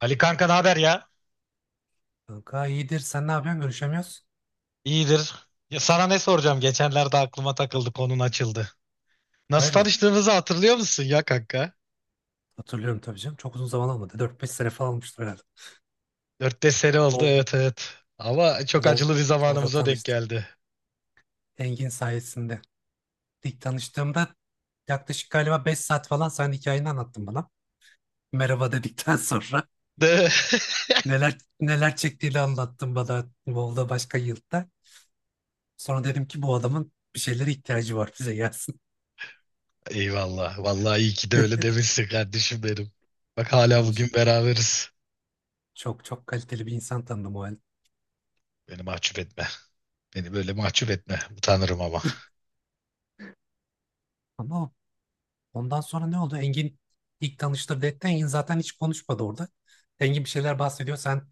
Ali kanka, ne haber ya? Kanka iyidir. Sen ne yapıyorsun? Görüşemiyoruz. İyidir. Ya sana ne soracağım? Geçenlerde aklıma takıldı, konun açıldı. Nasıl Hayrola? tanıştığımızı hatırlıyor musun ya kanka? Hatırlıyorum tabii canım. Çok uzun zaman olmadı. 4-5 sene falan olmuştur herhalde. 4-5 sene oldu, WoW, evet, evet. Ama çok WoW, acılı bir WoW'da zamanımıza denk tanıştım. geldi. Engin sayesinde. İlk tanıştığımda yaklaşık galiba 5 saat falan sen hikayeni anlattın bana. Merhaba dedikten sonra De. neler neler çektiğini anlattın bana WoW'da başka yılda. Sonra dedim ki bu adamın bir şeylere ihtiyacı var bize gelsin. Eyvallah. Vallahi iyi ki de öyle demişsin kardeşim benim. Bak hala Tabii bugün canım. beraberiz. Çok çok kaliteli bir insan tanıdım o halde. Beni mahcup etme. Beni böyle mahcup etme. Utanırım ama. Ama Ondan sonra ne oldu? Engin ilk tanıştırdı etti. Engin zaten hiç konuşmadı orada. Engin bir şeyler bahsediyor. Sen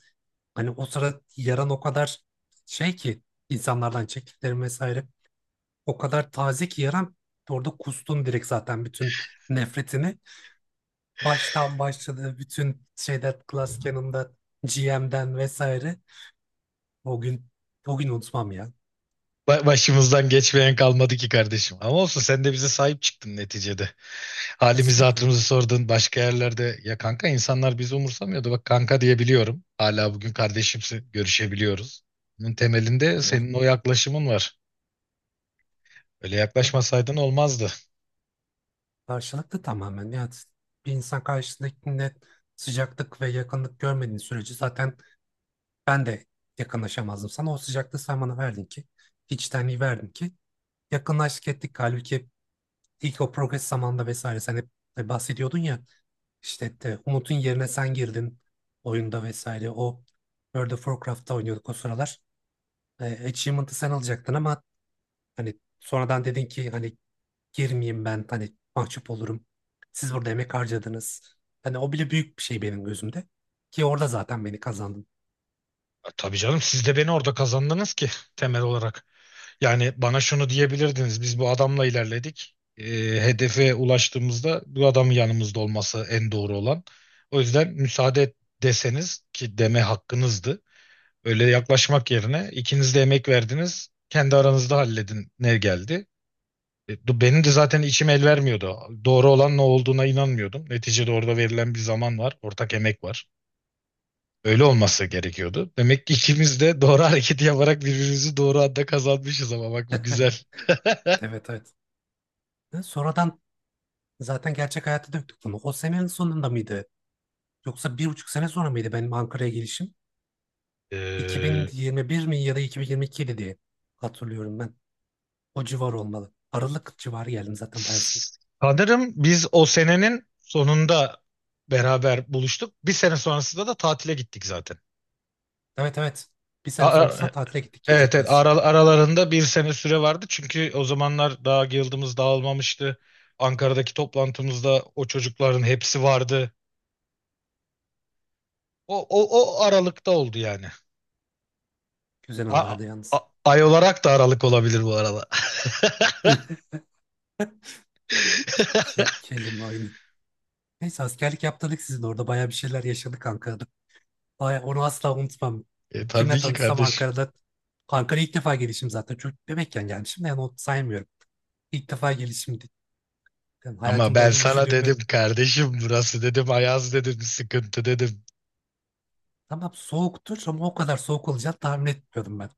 hani o sırada yaran o kadar şey ki, insanlardan çektiklerin vesaire. O kadar taze ki yaran orada kustun direkt zaten bütün nefretini. Baştan başladı bütün şeyler Glass Cannon'da GM'den vesaire. O gün o gün unutmam ya. Başımızdan geçmeyen kalmadı ki kardeşim. Ama olsun, sen de bize sahip çıktın neticede. Halimizi Estağfurullah. hatırımızı sordun başka yerlerde. Ya kanka, insanlar bizi umursamıyordu. Bak, kanka diyebiliyorum. Hala bugün kardeşimsi görüşebiliyoruz. Bunun temelinde Eyvallah. senin o yaklaşımın var. Öyle yaklaşmasaydın olmazdı. Karşılıklı tamamen. Yani bir insan karşısındakinde sıcaklık ve yakınlık görmediğin sürece zaten ben de yakınlaşamazdım sana. O sıcaklığı sen bana verdin ki, içtenliği verdin ki yakınlaştık ettik. Halbuki ilk o progres zamanında vesaire sen hep bahsediyordun ya işte de Umut'un yerine sen girdin oyunda vesaire. O World of Warcraft'ta oynuyorduk o sıralar. Achievement'ı sen alacaktın ama hani sonradan dedin ki hani girmeyeyim ben hani mahcup olurum. Siz burada emek harcadınız. Hani o bile büyük bir şey benim gözümde. Ki orada zaten beni kazandın. Tabii canım, siz de beni orada kazandınız ki, temel olarak. Yani bana şunu diyebilirdiniz: biz bu adamla ilerledik. Hedefe ulaştığımızda bu adamın yanımızda olması en doğru olan. O yüzden müsaade et deseniz ki, deme hakkınızdı. Öyle yaklaşmak yerine ikiniz de emek verdiniz. Kendi aranızda halledin ne geldi. Benim de zaten içim el vermiyordu. Doğru olan ne olduğuna inanmıyordum. Neticede orada verilen bir zaman var. Ortak emek var. Öyle olması gerekiyordu. Demek ki ikimiz de doğru hareketi yaparak birbirimizi doğru anda kazanmışız. Ama bak, bu güzel. Evet, evet. Sonradan zaten gerçek hayata döktük bunu. O senenin sonunda mıydı? Yoksa 1,5 sene sonra mıydı benim Ankara'ya gelişim? Ee, 2021 mi ya da 2022'ydi diye hatırlıyorum ben. O civar olmalı. Aralık civarı geldim zaten bayağı son. Sanırım biz o senenin sonunda beraber buluştuk. Bir sene sonrasında da tatile gittik zaten. Evet, evet. Bir sene Aa, sonrasında tatile gittik evet, gelecek evet, yaz. Aralarında bir sene süre vardı. Çünkü o zamanlar daha guildımız dağılmamıştı. Ankara'daki toplantımızda o çocukların hepsi vardı. O, o, o aralıkta oldu yani. Güzel A- anlardı yalnız. a- ay olarak da aralık olabilir bu arada. Kelime oyunu. Neyse askerlik yaptırdık sizin orada bayağı bir şeyler yaşadık Ankara'da. Baya, onu asla unutmam. Tabii Kimle ki tanışsam kardeşim. Ankara'da Ankara'ya ilk defa gelişim zaten. Çocuk bebekken gelmişim de yani onu saymıyorum. İlk defa gelişimdi. Yani Ama hayatımda ben öyle sana dedim üşüdüğümü kardeşim, burası dedim, Ayaz dedim, sıkıntı dedim. tamam soğuktur ama o kadar soğuk olacağını tahmin etmiyordum ben.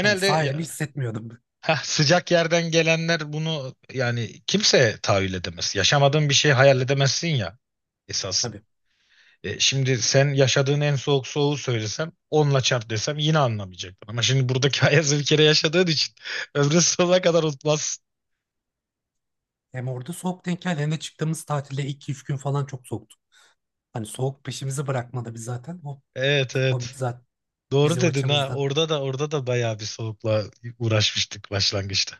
Hani sağ elimi ya- hissetmiyordum ben, Sıcak yerden gelenler bunu, yani, kimse tahayyül edemez. Yaşamadığın bir şey hayal edemezsin ya esasında. tabii. Şimdi sen yaşadığın en soğuk soğuğu söylesem, onla çarp desem yine anlamayacaktın. Ama şimdi buradaki ayazı bir kere yaşadığın için ömrün sonuna kadar unutmazsın. Hem orada soğuk denk geldi hem de çıktığımız tatilde 2-3 gün falan çok soğuktu. Hani soğuk peşimizi bırakmadı biz zaten. O Evet, komik evet. zaten Doğru bizim dedin ha. açımızdan. Orada da, orada da bayağı bir soğukla uğraşmıştık başlangıçta.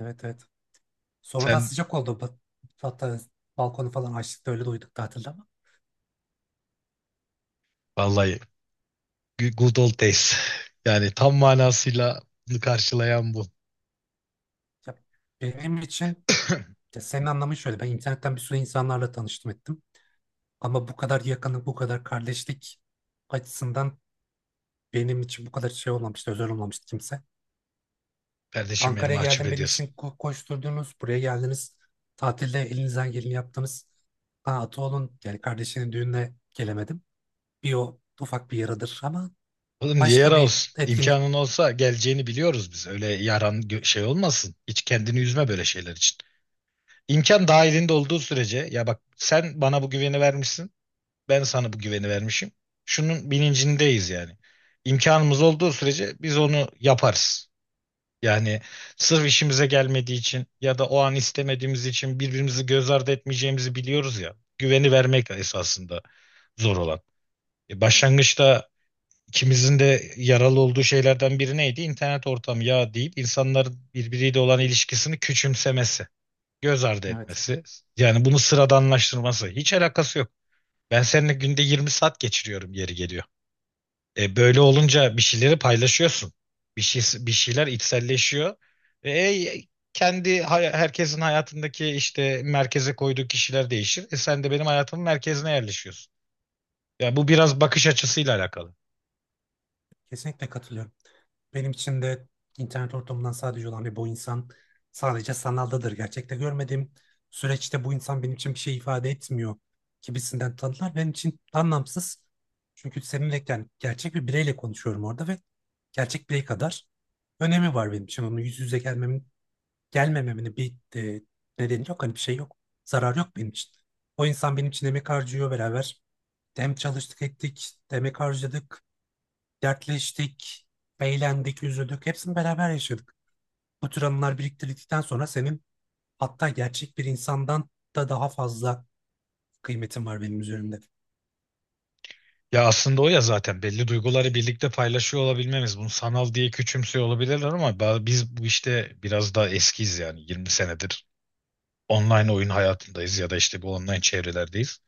Evet, evet. Sonradan Sen sıcak oldu. Hatta balkonu falan açtık da öyle duyduk tatilde ama. vallahi good old days. Yani tam manasıyla bunu karşılayan bu. Ya benim için Ya senin anlamın şöyle. Ben internetten bir sürü insanlarla tanıştım ettim. Ama bu kadar yakınlık, bu kadar kardeşlik açısından benim için bu kadar şey olmamıştı, özel olmamıştı kimse. Kardeşim, beni Ankara'ya mahcup geldim benim için ediyorsun. Koşturdunuz, buraya geldiniz. Tatilde elinizden geleni yaptınız. Ha, Atoğlu'nun yani kardeşinin düğününe gelemedim. Bir o ufak bir yaradır ama Oğlum, niye başka yara bir olsun? etkinlik. İmkanın olsa geleceğini biliyoruz biz. Öyle yaran şey olmasın. Hiç kendini üzme böyle şeyler için. İmkan dahilinde olduğu sürece, ya bak, sen bana bu güveni vermişsin. Ben sana bu güveni vermişim. Şunun bilincindeyiz yani. İmkanımız olduğu sürece biz onu yaparız. Yani sırf işimize gelmediği için ya da o an istemediğimiz için birbirimizi göz ardı etmeyeceğimizi biliyoruz ya. Güveni vermek esasında zor olan. Başlangıçta ikimizin de yaralı olduğu şeylerden biri neydi? İnternet ortamı ya deyip insanların birbiriyle olan ilişkisini küçümsemesi, göz ardı Evet. etmesi. Yani bunu sıradanlaştırması. Hiç alakası yok. Ben seninle günde 20 saat geçiriyorum yeri geliyor. Böyle olunca bir şeyleri paylaşıyorsun. Bir şeyler içselleşiyor. E, e, Herkesin hayatındaki, işte, merkeze koyduğu kişiler değişir. Sen de benim hayatımın merkezine yerleşiyorsun. Yani bu biraz bakış açısıyla alakalı. Kesinlikle katılıyorum. Benim için de internet ortamından sadece olan ve bu insan sadece sanaldadır. Gerçekte görmediğim süreçte bu insan benim için bir şey ifade etmiyor gibisinden tanılar benim için anlamsız. Çünkü seninle yani gerçek bir bireyle konuşuyorum orada ve gerçek birey kadar önemi var benim için. Onun yüz yüze gelmemin, gelmememin bir nedeni yok. Hani bir şey yok. Zarar yok benim için. O insan benim için emek harcıyor beraber. Hem çalıştık ettik, emek harcadık. Dertleştik, eğlendik, üzüldük. Hepsini beraber yaşadık. Bu tür anılar biriktirdikten sonra senin hatta gerçek bir insandan da daha fazla kıymetin var benim üzerimde. Ya aslında o, ya zaten belli duyguları birlikte paylaşıyor olabilmemiz. Bunu sanal diye küçümsüyor olabilirler ama biz bu işte biraz daha eskiyiz. Yani 20 senedir online oyun hayatındayız ya da işte bu online çevrelerdeyiz.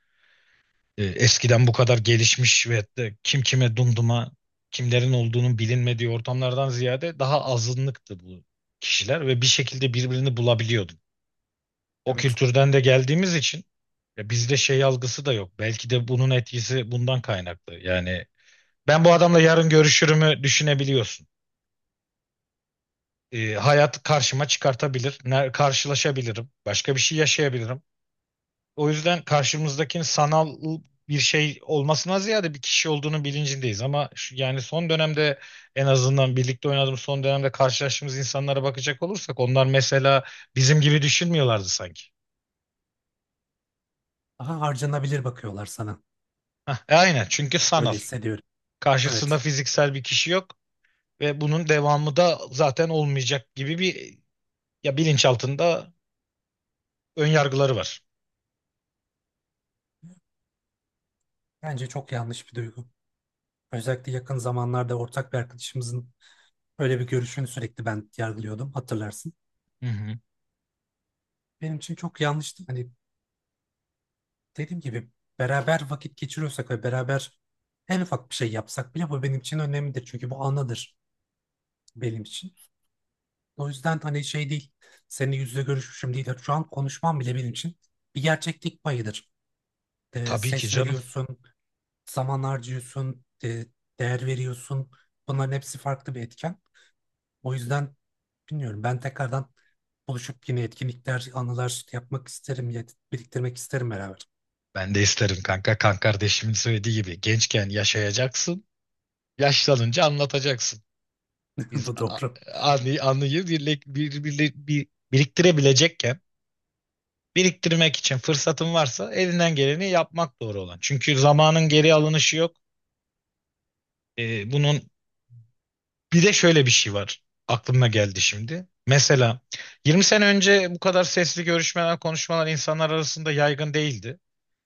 Eskiden bu kadar gelişmiş ve hatta kim kime dumduma, kimlerin olduğunun bilinmediği ortamlardan ziyade daha azınlıktı bu kişiler ve bir şekilde birbirini bulabiliyordu. O Evet. kültürden de geldiğimiz için, ya, bizde şey algısı da yok. Belki de bunun etkisi bundan kaynaklı. Yani ben bu adamla yarın görüşürümü düşünebiliyorsun. Hayat karşıma çıkartabilir, karşılaşabilirim, başka bir şey yaşayabilirim. O yüzden karşımızdakinin sanal bir şey olmasına ziyade bir kişi olduğunu bilincindeyiz. Ama şu, yani, son dönemde, en azından birlikte oynadığımız son dönemde karşılaştığımız insanlara bakacak olursak, onlar mesela bizim gibi düşünmüyorlardı sanki. Daha harcanabilir bakıyorlar sana. Hah, aynen, çünkü sanal. Böyle hissediyorum. Karşısında Evet. fiziksel bir kişi yok ve bunun devamı da zaten olmayacak gibi bir, ya, bilinçaltında ön yargıları var. Bence çok yanlış bir duygu. Özellikle yakın zamanlarda ortak bir arkadaşımızın öyle bir görüşünü sürekli ben yargılıyordum. Hatırlarsın. Hı hı. Benim için çok yanlıştı. Hani dediğim gibi beraber vakit geçiriyorsak ve beraber en ufak bir şey yapsak bile bu benim için önemlidir. Çünkü bu anıdır benim için. O yüzden hani şey değil, seninle yüz yüze görüşmüşüm değil. Şu an konuşmam bile benim için bir gerçeklik payıdır. Tabii ki Ses canım. veriyorsun, zaman harcıyorsun, değer veriyorsun. Bunların hepsi farklı bir etken. O yüzden bilmiyorum ben tekrardan buluşup yine etkinlikler, anılar yapmak isterim, biriktirmek isterim beraber. Ben de isterim kanka. Kan kardeşimin söylediği gibi, gençken yaşayacaksın. Yaşlanınca anlatacaksın. Biz Bu a- doğru. anı, anıyı biriktirebilecekken, biriktirmek için fırsatın varsa elinden geleni yapmak doğru olan. Çünkü zamanın geri alınışı yok. Bunun bir de şöyle bir şey var. Aklıma geldi şimdi. Mesela 20 sene önce bu kadar sesli görüşmeler, konuşmalar insanlar arasında yaygın değildi.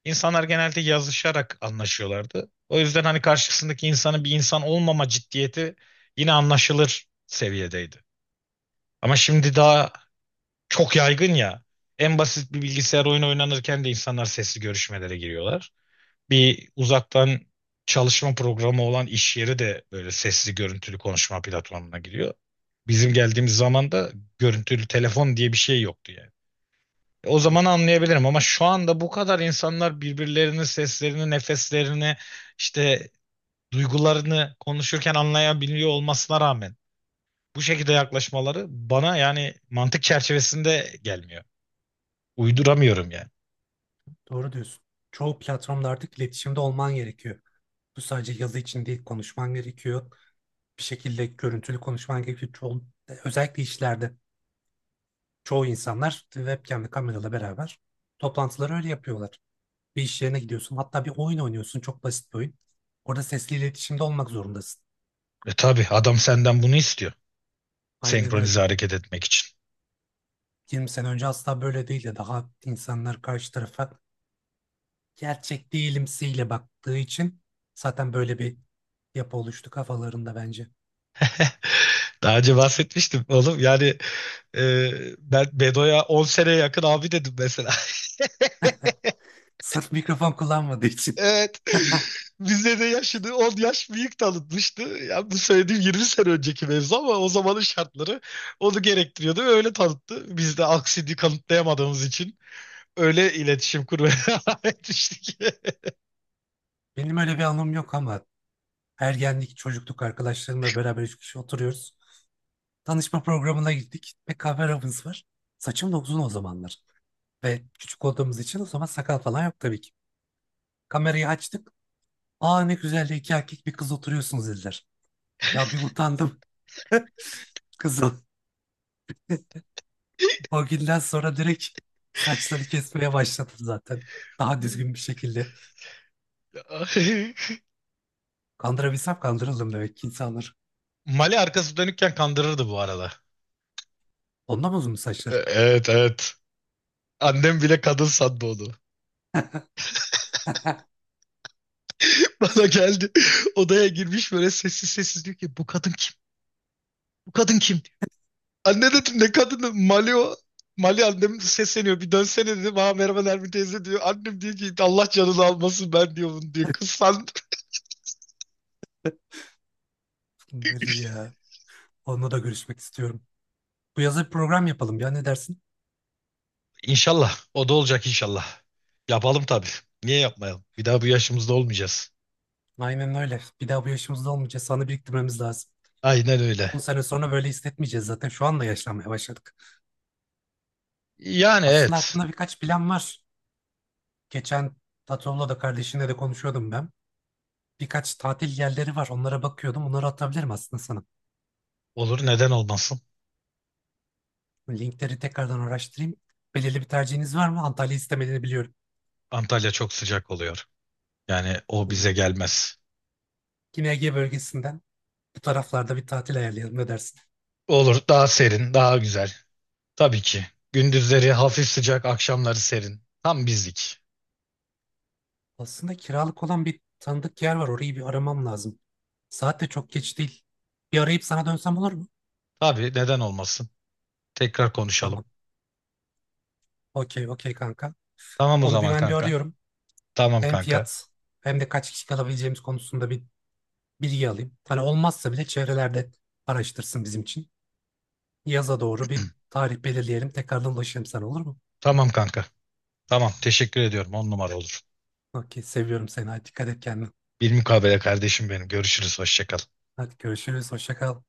İnsanlar genelde yazışarak anlaşıyorlardı. O yüzden hani karşısındaki insanın bir insan olmama ciddiyeti yine anlaşılır seviyedeydi. Ama şimdi daha çok yaygın ya. En basit bir bilgisayar oyunu oynanırken de insanlar sesli görüşmelere giriyorlar. Bir uzaktan çalışma programı olan iş yeri de böyle sesli görüntülü konuşma platformuna giriyor. Bizim geldiğimiz zaman da görüntülü telefon diye bir şey yoktu yani. O zaman Tabii, anlayabilirim ama şu anda bu kadar insanlar birbirlerinin seslerini, nefeslerini, işte duygularını konuşurken anlayabiliyor olmasına rağmen bu şekilde yaklaşmaları bana, yani, mantık çerçevesinde gelmiyor. Uyduramıyorum yani. doğru diyorsun. Çoğu platformda artık iletişimde olman gerekiyor. Bu sadece yazı için değil, konuşman gerekiyor. Bir şekilde görüntülü konuşman gerekiyor. Çoğu, özellikle işlerde çoğu insanlar webcam'le kamerayla beraber toplantıları öyle yapıyorlar. Bir iş yerine gidiyorsun. Hatta bir oyun oynuyorsun. Çok basit bir oyun. Orada sesli iletişimde olmak zorundasın. Tabii, adam senden bunu istiyor. Aynen öyle. Senkronize hareket etmek için. 20 sene önce asla böyle değildi. Daha insanlar karşı tarafa gerçek değilimsiyle baktığı için zaten böyle bir yapı oluştu kafalarında bence. Daha önce bahsetmiştim oğlum. Yani, e, ben Bedo'ya 10 seneye yakın abi dedim mesela. Sırf mikrofon kullanmadığı için. Evet. Bizde de yaşını 10 yaş büyük tanıtmıştı. Yani bu söylediğim 20 sene önceki mevzu, ama o zamanın şartları onu gerektiriyordu ve öyle tanıttı. Biz de aksini kanıtlayamadığımız için öyle iletişim kurmaya devam etmiştik. Benim öyle bir anım yok ama ergenlik, çocukluk arkadaşlarımla beraber üç kişi oturuyoruz. Tanışma programına gittik ve kameramız var. Saçım da uzun o zamanlar. Ve küçük olduğumuz için o zaman sakal falan yok tabii ki. Kamerayı açtık. Aa, ne güzel de iki erkek bir kız oturuyorsunuz dediler. Ya bir utandım kızım. O günden sonra direkt saçları kesmeye başladım zaten. Daha düzgün bir şekilde. Kandırabilsem kandırıldım demek ki insanlar. Mali arkası dönükken kandırırdı bu arada. Ondan uzun mu saçlar? Evet, evet. Annem bile kadın sandı onu. Bana geldi. Odaya girmiş böyle sessiz sessiz, diyor ki, bu kadın kim? Bu kadın kim? Anne, dedim, ne kadını? Mali o. Mali, annem sesleniyor, bir dönsene, dedim. Ha, merhaba Nermin teyze, diyor. Annem diyor ki, Allah canını almasın, ben diyor bunu, diyor. Kız sandı. Böyle ya. Onunla da görüşmek istiyorum. Bu yaza bir program yapalım ya, ne dersin? İnşallah. O da olacak inşallah. Yapalım tabii. Niye yapmayalım? Bir daha bu yaşımızda olmayacağız. Aynen öyle. Bir daha bu yaşımızda olmayacağız. Sana biriktirmemiz lazım. Aynen öyle. 10 sene sonra böyle hissetmeyeceğiz zaten. Şu anda yaşlanmaya başladık. Yani, Aslında evet. aklımda birkaç plan var. Geçen Tatoğlu'la da kardeşinle de konuşuyordum ben. Birkaç tatil yerleri var. Onlara bakıyordum. Onları atabilirim aslında sana. Olur, neden olmasın? Linkleri tekrardan araştırayım. Belirli bir tercihiniz var mı? Antalya'yı istemediğini biliyorum. Antalya çok sıcak oluyor. Yani o Hı. bize gelmez. Yine Ege bölgesinden bu taraflarda bir tatil ayarlayalım. Ne dersin? Olur, daha serin, daha güzel. Tabii ki. Gündüzleri hafif sıcak, akşamları serin. Tam bizlik. Aslında kiralık olan bir tanıdık yer var. Orayı bir aramam lazım. Saat de çok geç değil. Bir arayıp sana dönsem olur mu? Tabii, neden olmasın? Tekrar konuşalım. Tamam. Okey, okey kanka. Tamam o Onu bir zaman ben bir kanka. arıyorum. Tamam Hem kanka. fiyat hem de kaç kişi kalabileceğimiz konusunda bir bilgi alayım. Hani olmazsa bile çevrelerde araştırsın bizim için. Yaza doğru bir tarih belirleyelim. Tekrardan ulaşırım sana, olur mu? Tamam kanka. Tamam, teşekkür ediyorum. On numara olur. Okey, seviyorum seni. Hadi dikkat et kendine. Bir mukabele kardeşim benim. Görüşürüz. Hoşça kal. Hadi görüşürüz. Hoşça kal.